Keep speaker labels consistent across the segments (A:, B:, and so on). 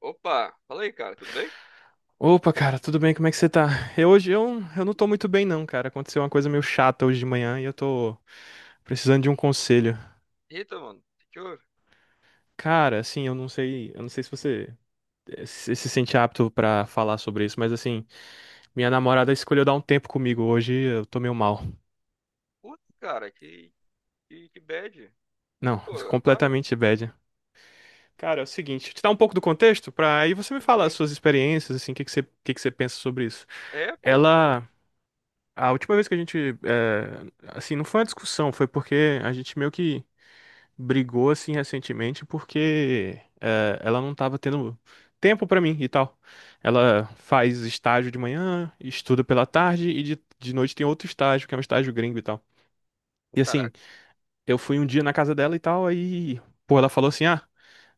A: Opa, fala aí, cara, tudo bem?
B: Opa, cara, tudo bem? Como é que você tá? Eu hoje eu não tô muito bem não, cara. Aconteceu uma coisa meio chata hoje de manhã e eu tô precisando de um conselho.
A: Eita, mano, o que que houve?
B: Cara, assim, eu não sei se você se sente apto pra falar sobre isso, mas assim, minha namorada escolheu dar um tempo comigo hoje, e eu tô meio mal.
A: Putz, cara, que bad.
B: Não,
A: Pô, é claro,
B: completamente bad. Cara, é o seguinte, deixa eu te dar um pouco do contexto pra aí você me falar as
A: tem.
B: suas experiências, assim, o que que você pensa sobre isso.
A: É, pô,
B: Ela, a última vez que a gente, assim, não foi uma discussão, foi porque a gente meio que brigou assim recentemente porque ela não estava tendo tempo para mim e tal. Ela faz estágio de manhã, estuda pela tarde e de noite tem outro estágio, que é um estágio gringo e tal. E assim,
A: caraca,
B: eu fui um dia na casa dela e tal, aí, pô, ela falou assim: ah,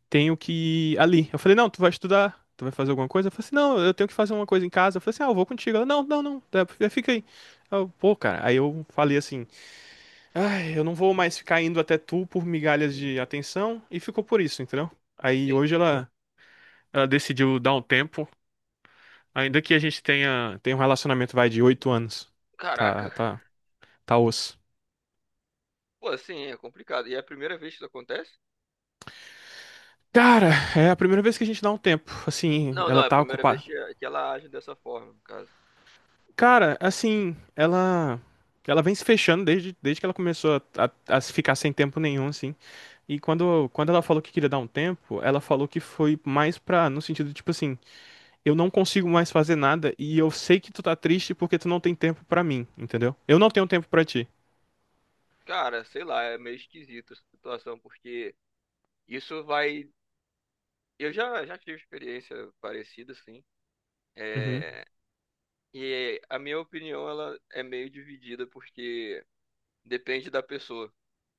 B: tenho que ir ali. Eu falei: não, tu vai estudar. Tu vai fazer alguma coisa? Eu falei assim, não, eu tenho que fazer uma coisa em casa. Eu falei assim, ah, eu vou contigo. Ela, não, não, não, tá, fica aí. Eu, pô, cara, aí eu falei assim, ai, eu não vou mais ficar indo até tu por migalhas de atenção. E ficou por isso, entendeu? Aí
A: sim.
B: hoje ela decidiu dar um tempo. Ainda que a gente tenha um relacionamento, vai, de 8 anos. Tá,
A: Caraca.
B: tá, tá osso.
A: Pô, assim, é complicado. E é a primeira vez que isso acontece?
B: Cara, é a primeira vez que a gente dá um tempo. Assim,
A: Não, não,
B: ela
A: é a
B: tá
A: primeira vez
B: ocupada.
A: que ela age dessa forma, no caso.
B: Cara, assim, ela vem se fechando desde que ela começou a ficar sem tempo nenhum, assim. E quando ela falou que queria dar um tempo, ela falou que foi mais pra, no sentido, tipo assim, eu não consigo mais fazer nada e eu sei que tu tá triste porque tu não tem tempo pra mim, entendeu? Eu não tenho tempo pra ti.
A: Cara, sei lá, é meio esquisita essa situação, porque isso vai. Eu já tive experiência parecida, assim.
B: Uhum.
A: É... E a minha opinião, ela é meio dividida, porque depende da pessoa.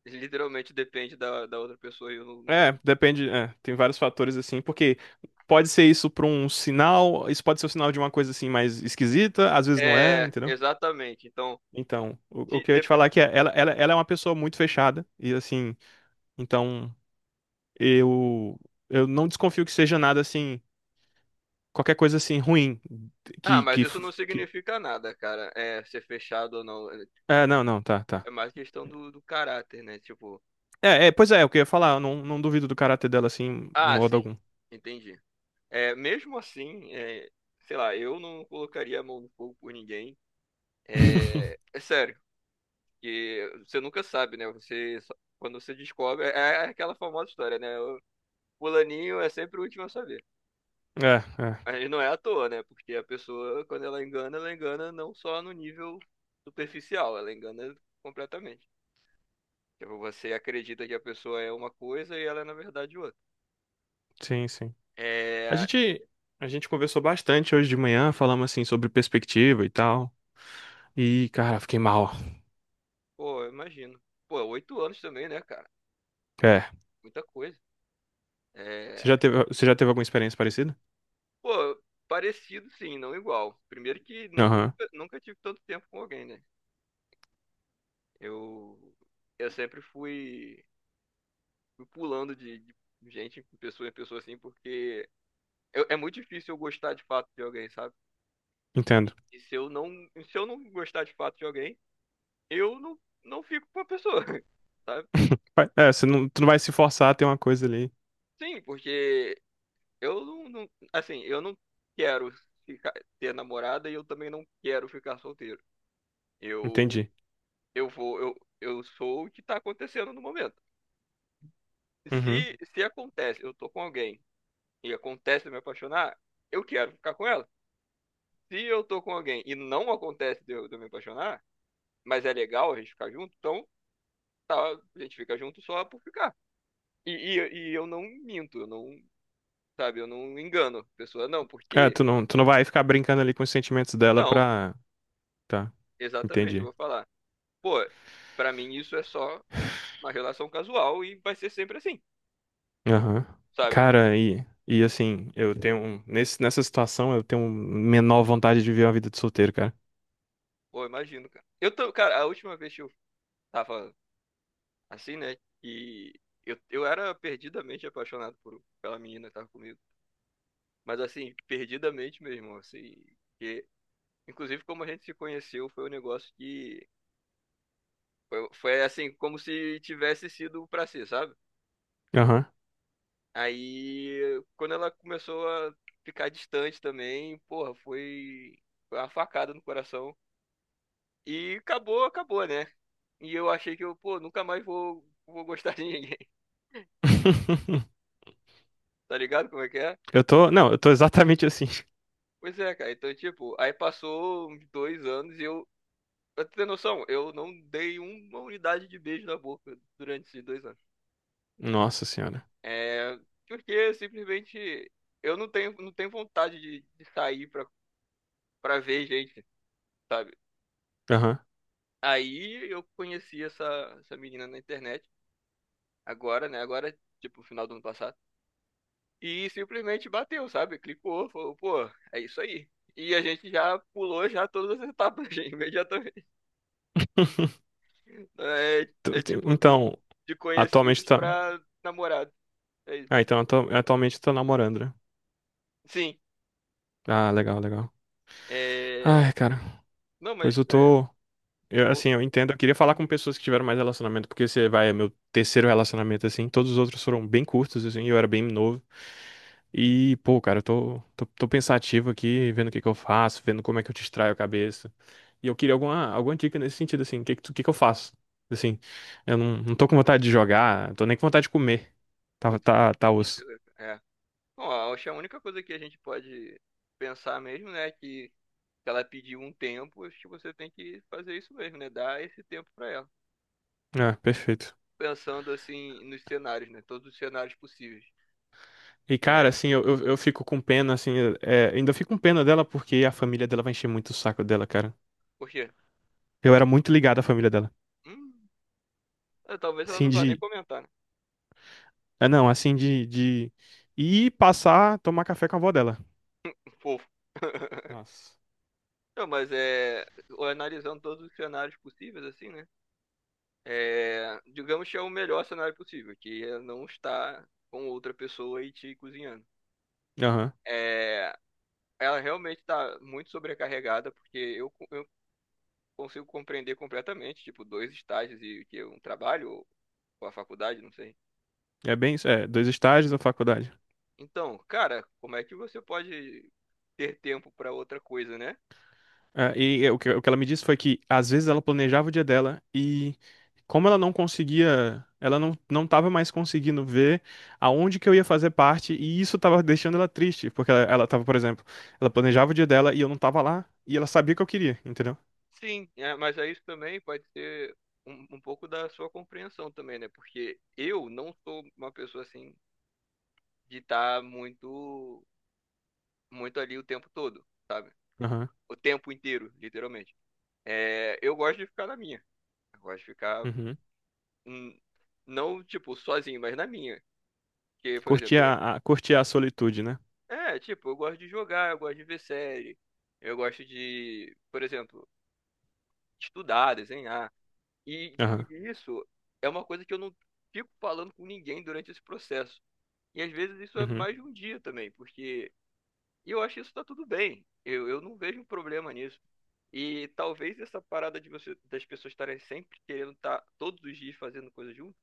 A: Literalmente depende da outra pessoa. E eu não...
B: É, depende, é, tem vários fatores assim, porque pode ser isso pra um sinal, isso pode ser o sinal de uma coisa assim mais esquisita, às vezes não é,
A: É,
B: entendeu?
A: exatamente. Então,
B: Então, o
A: se
B: que eu ia te
A: dep-
B: falar é que é, ela é uma pessoa muito fechada e assim, então eu eu não desconfio que seja nada assim, qualquer coisa assim ruim
A: ah,
B: que
A: mas
B: que,
A: isso não
B: que...
A: significa nada, cara. É, ser fechado ou não.
B: É, não, não, tá,
A: É
B: tá.
A: mais questão do caráter, né? Tipo,
B: É, é, pois é, é o que eu ia falar, eu não duvido do caráter dela assim, em
A: ah,
B: modo
A: sim,
B: algum.
A: entendi. É, mesmo assim, é, sei lá, eu não colocaria a mão no fogo por ninguém. É, é sério, que você nunca sabe, né? Quando você descobre, é aquela famosa história, né? O fulaninho é sempre o último a saber.
B: É, é,
A: Aí não é à toa, né? Porque a pessoa, quando ela engana não só no nível superficial, ela engana completamente. Tipo, você acredita que a pessoa é uma coisa e ela é, na verdade, outra.
B: sim, sim. A
A: É.
B: gente, a gente conversou bastante hoje de manhã, falamos assim sobre perspectiva e tal. E, cara, fiquei mal.
A: Pô, eu imagino. Pô, 8 anos também, né, cara?
B: É.
A: Muita coisa.
B: Você
A: É.
B: já teve, você já teve alguma experiência parecida?
A: Pô, parecido sim, não igual. Primeiro que não,
B: Aham,
A: nunca tive tanto tempo com alguém, né? Eu. Eu sempre fui pulando de gente, em pessoa assim, porque é muito difícil eu gostar de fato de alguém, sabe? E,
B: entendo.
A: e se eu não, se eu não gostar de fato de alguém, eu não fico com a pessoa, sabe?
B: É, você não, tu não vai se forçar a ter uma coisa ali.
A: Sim, porque eu assim, eu não quero ficar, ter namorada e eu também não quero ficar solteiro. Eu,
B: Entendi.
A: eu vou, eu, eu sou o que tá acontecendo no momento.
B: Uhum.
A: Se, Uhum. Se acontece, eu tô com alguém e acontece de eu me apaixonar, eu quero ficar com ela. Se eu tô com alguém e não acontece de eu me apaixonar, mas é legal a gente ficar junto, então tá, a gente fica junto só por ficar. E eu não minto, eu não, sabe, eu não engano a pessoa, não,
B: É,
A: porque.
B: tu não vai ficar brincando ali com os sentimentos dela
A: Não,
B: pra. Tá,
A: exatamente, eu
B: entendi.
A: vou falar. Pô, pra mim isso é só uma relação casual e vai ser sempre assim,
B: Aham.
A: sabe?
B: Cara, e assim, Nessa situação, eu tenho menor vontade de viver uma vida de solteiro, cara.
A: Pô, imagino, cara. Eu tô, cara, a última vez que eu tava assim, né, que eu era perdidamente apaixonado pela menina que tava comigo. Mas assim, perdidamente mesmo, assim. Que, inclusive, como a gente se conheceu, foi um negócio que. Foi assim, como se tivesse sido pra ser, sabe?
B: Aham.
A: Aí, quando ela começou a ficar distante também, porra, foi uma facada no coração. E acabou, acabou, né? E eu achei que eu, pô, nunca mais vou gostar de ninguém. Tá ligado como é que é?
B: Eu tô. Não, eu tô exatamente assim.
A: Pois é, cara. Então, tipo, aí passou uns 2 anos e eu. Pra tu ter noção, eu não dei uma unidade de beijo na boca durante esses 2 anos.
B: Nossa senhora.
A: É. Porque simplesmente eu não tenho vontade de sair pra ver gente, sabe?
B: Aham.
A: Aí eu conheci essa menina na internet, agora, né? Agora, tipo, final do ano passado. E simplesmente bateu, sabe? Clicou, falou, pô, é isso aí. E a gente já pulou já todas as etapas, imediatamente. É, é tipo,
B: Então,
A: de
B: atualmente
A: conhecidos
B: tá.
A: pra namorado. É isso.
B: Ah, então atualmente tá namorando, né?
A: Sim,
B: Ah, legal, legal.
A: é...
B: Ai, cara.
A: Não,
B: Pois
A: mas...
B: eu
A: É...
B: tô. Eu,
A: vol-
B: assim, eu entendo. Eu queria falar com pessoas que tiveram mais relacionamento, porque você vai, é meu terceiro relacionamento, assim. Todos os outros foram bem curtos, assim, eu era bem novo. E, pô, cara, eu tô pensativo aqui, vendo o que que eu faço, vendo como é que eu distraio a cabeça. E eu queria alguma dica nesse sentido, assim, o que que eu faço? Assim, eu não tô com vontade de jogar, tô nem com vontade de comer. Tá,
A: Putz,
B: tá, tá osso.
A: é. Bom, acho que a única coisa que a gente pode pensar mesmo, né, é que ela pediu um tempo, acho que você tem que fazer isso mesmo, né? Dar esse tempo pra ela.
B: É, perfeito.
A: Pensando assim nos cenários, né? Todos os cenários possíveis.
B: E, cara,
A: É,
B: assim, eu fico com pena, assim, é, ainda fico com pena dela porque a família dela vai encher muito o saco dela, cara.
A: porque,
B: Eu era muito ligado à família dela.
A: hum, é, talvez ela
B: Assim
A: não vá nem
B: de.
A: comentar, né?
B: É, não, assim de ir passar, tomar café com a avó dela.
A: Fofo.
B: Nossa.
A: Não, mas é, analisando todos os cenários possíveis, assim, né? É, digamos que é o melhor cenário possível, que é não estar com outra pessoa e te cozinhando.
B: Aham.
A: É, ela realmente está muito sobrecarregada, porque eu consigo compreender completamente, tipo, dois estágios e o que é um trabalho ou a faculdade, não sei.
B: É bem isso. É, dois estágios na faculdade.
A: Então, cara, como é que você pode ter tempo para outra coisa, né?
B: É, e é, o que ela me disse foi que às vezes ela planejava o dia dela e como ela não conseguia, ela não estava mais conseguindo ver aonde que eu ia fazer parte e isso estava deixando ela triste, porque ela tava, por exemplo, ela planejava o dia dela e eu não tava lá e ela sabia que eu queria, entendeu?
A: Sim, é, mas aí isso também pode ser um pouco da sua compreensão também, né? Porque eu não sou uma pessoa assim de estar muito muito ali o tempo todo, sabe?
B: Aham.
A: O tempo inteiro, literalmente. É, eu gosto de ficar na minha. Eu gosto de ficar
B: Uhum.
A: hum, não tipo sozinho, mas na minha. Porque, por exemplo,
B: Curtia a solitude, né?
A: é, tipo, eu gosto de jogar, eu gosto de ver série, eu gosto de, por exemplo, estudar, desenhar. E
B: Aham.
A: isso é uma coisa que eu não fico falando com ninguém durante esse processo. E às vezes isso é
B: Uhum.
A: mais de um dia também, porque e eu acho que isso tá tudo bem. Eu não vejo um problema nisso. E talvez essa parada de você, das pessoas estarem sempre querendo estar todos os dias fazendo coisa junto,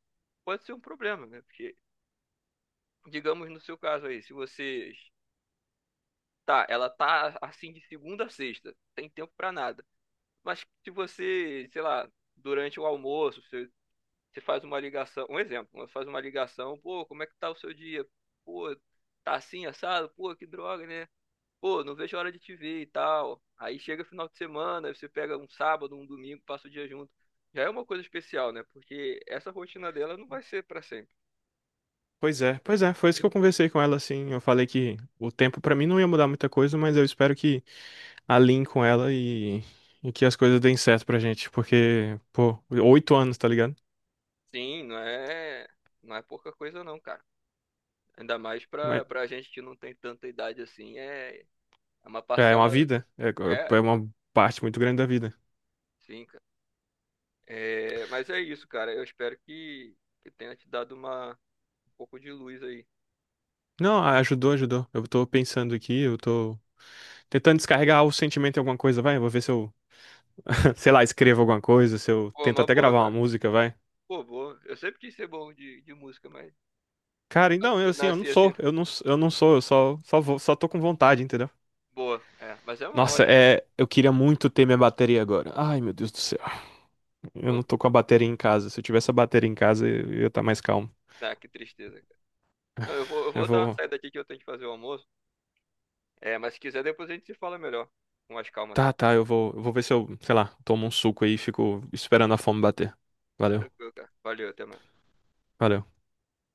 A: pode ser um problema, né? Porque, digamos no seu caso aí, se vocês tá, ela tá assim de segunda a sexta, tem tempo pra nada. Mas se você, sei lá, durante o almoço, você, faz uma ligação, um exemplo, você faz uma ligação, pô, como é que tá o seu dia? Pô, tá assim, assado? Pô, que droga, né? Pô, não vejo a hora de te ver e tal. Aí chega final de semana, aí você pega um sábado, um domingo, passa o dia junto. Já é uma coisa especial, né? Porque essa rotina dela não vai ser pra sempre.
B: Pois é, foi isso que eu conversei com ela assim. Eu falei que o tempo pra mim não ia mudar muita coisa, mas eu espero que alinhe com ela e que as coisas deem certo pra gente, porque, pô, 8 anos, tá ligado?
A: Sim, não é pouca coisa não, cara. Ainda mais pra,
B: Mas
A: pra gente que não tem tanta idade assim, é, é uma
B: é
A: parcela,
B: uma vida, é,
A: é,
B: é uma parte muito grande da vida.
A: sim. É, mas é isso, cara. Eu espero que tenha te dado um pouco de luz aí.
B: Não, ajudou, ajudou. Eu tô pensando aqui, eu tô tentando descarregar o sentimento em alguma coisa, vai. Eu vou ver se eu, sei lá, escrevo alguma coisa, se eu
A: Pô,
B: tento
A: uma
B: até
A: boa,
B: gravar uma
A: cara.
B: música, vai.
A: Pô, boa. Eu sempre quis ser bom de música, mas,
B: Cara,
A: mas
B: então, eu
A: eu
B: assim, eu não
A: nasci assim.
B: sou, eu não, eu não sou, eu só, só vou, só
A: Ah, que tristeza, cara. Não, eu vou, eu
B: eu
A: vou dar uma
B: vou.
A: saída aqui que eu tenho que fazer o almoço. É, mas se quiser, depois a gente se fala melhor. Com mais calma,
B: Tá,
A: tá?
B: tá, eu vou ver se eu, sei lá, tomo um suco aí e fico esperando a fome bater. Valeu,
A: Tranquilo, cara. Valeu, até mais.
B: valeu.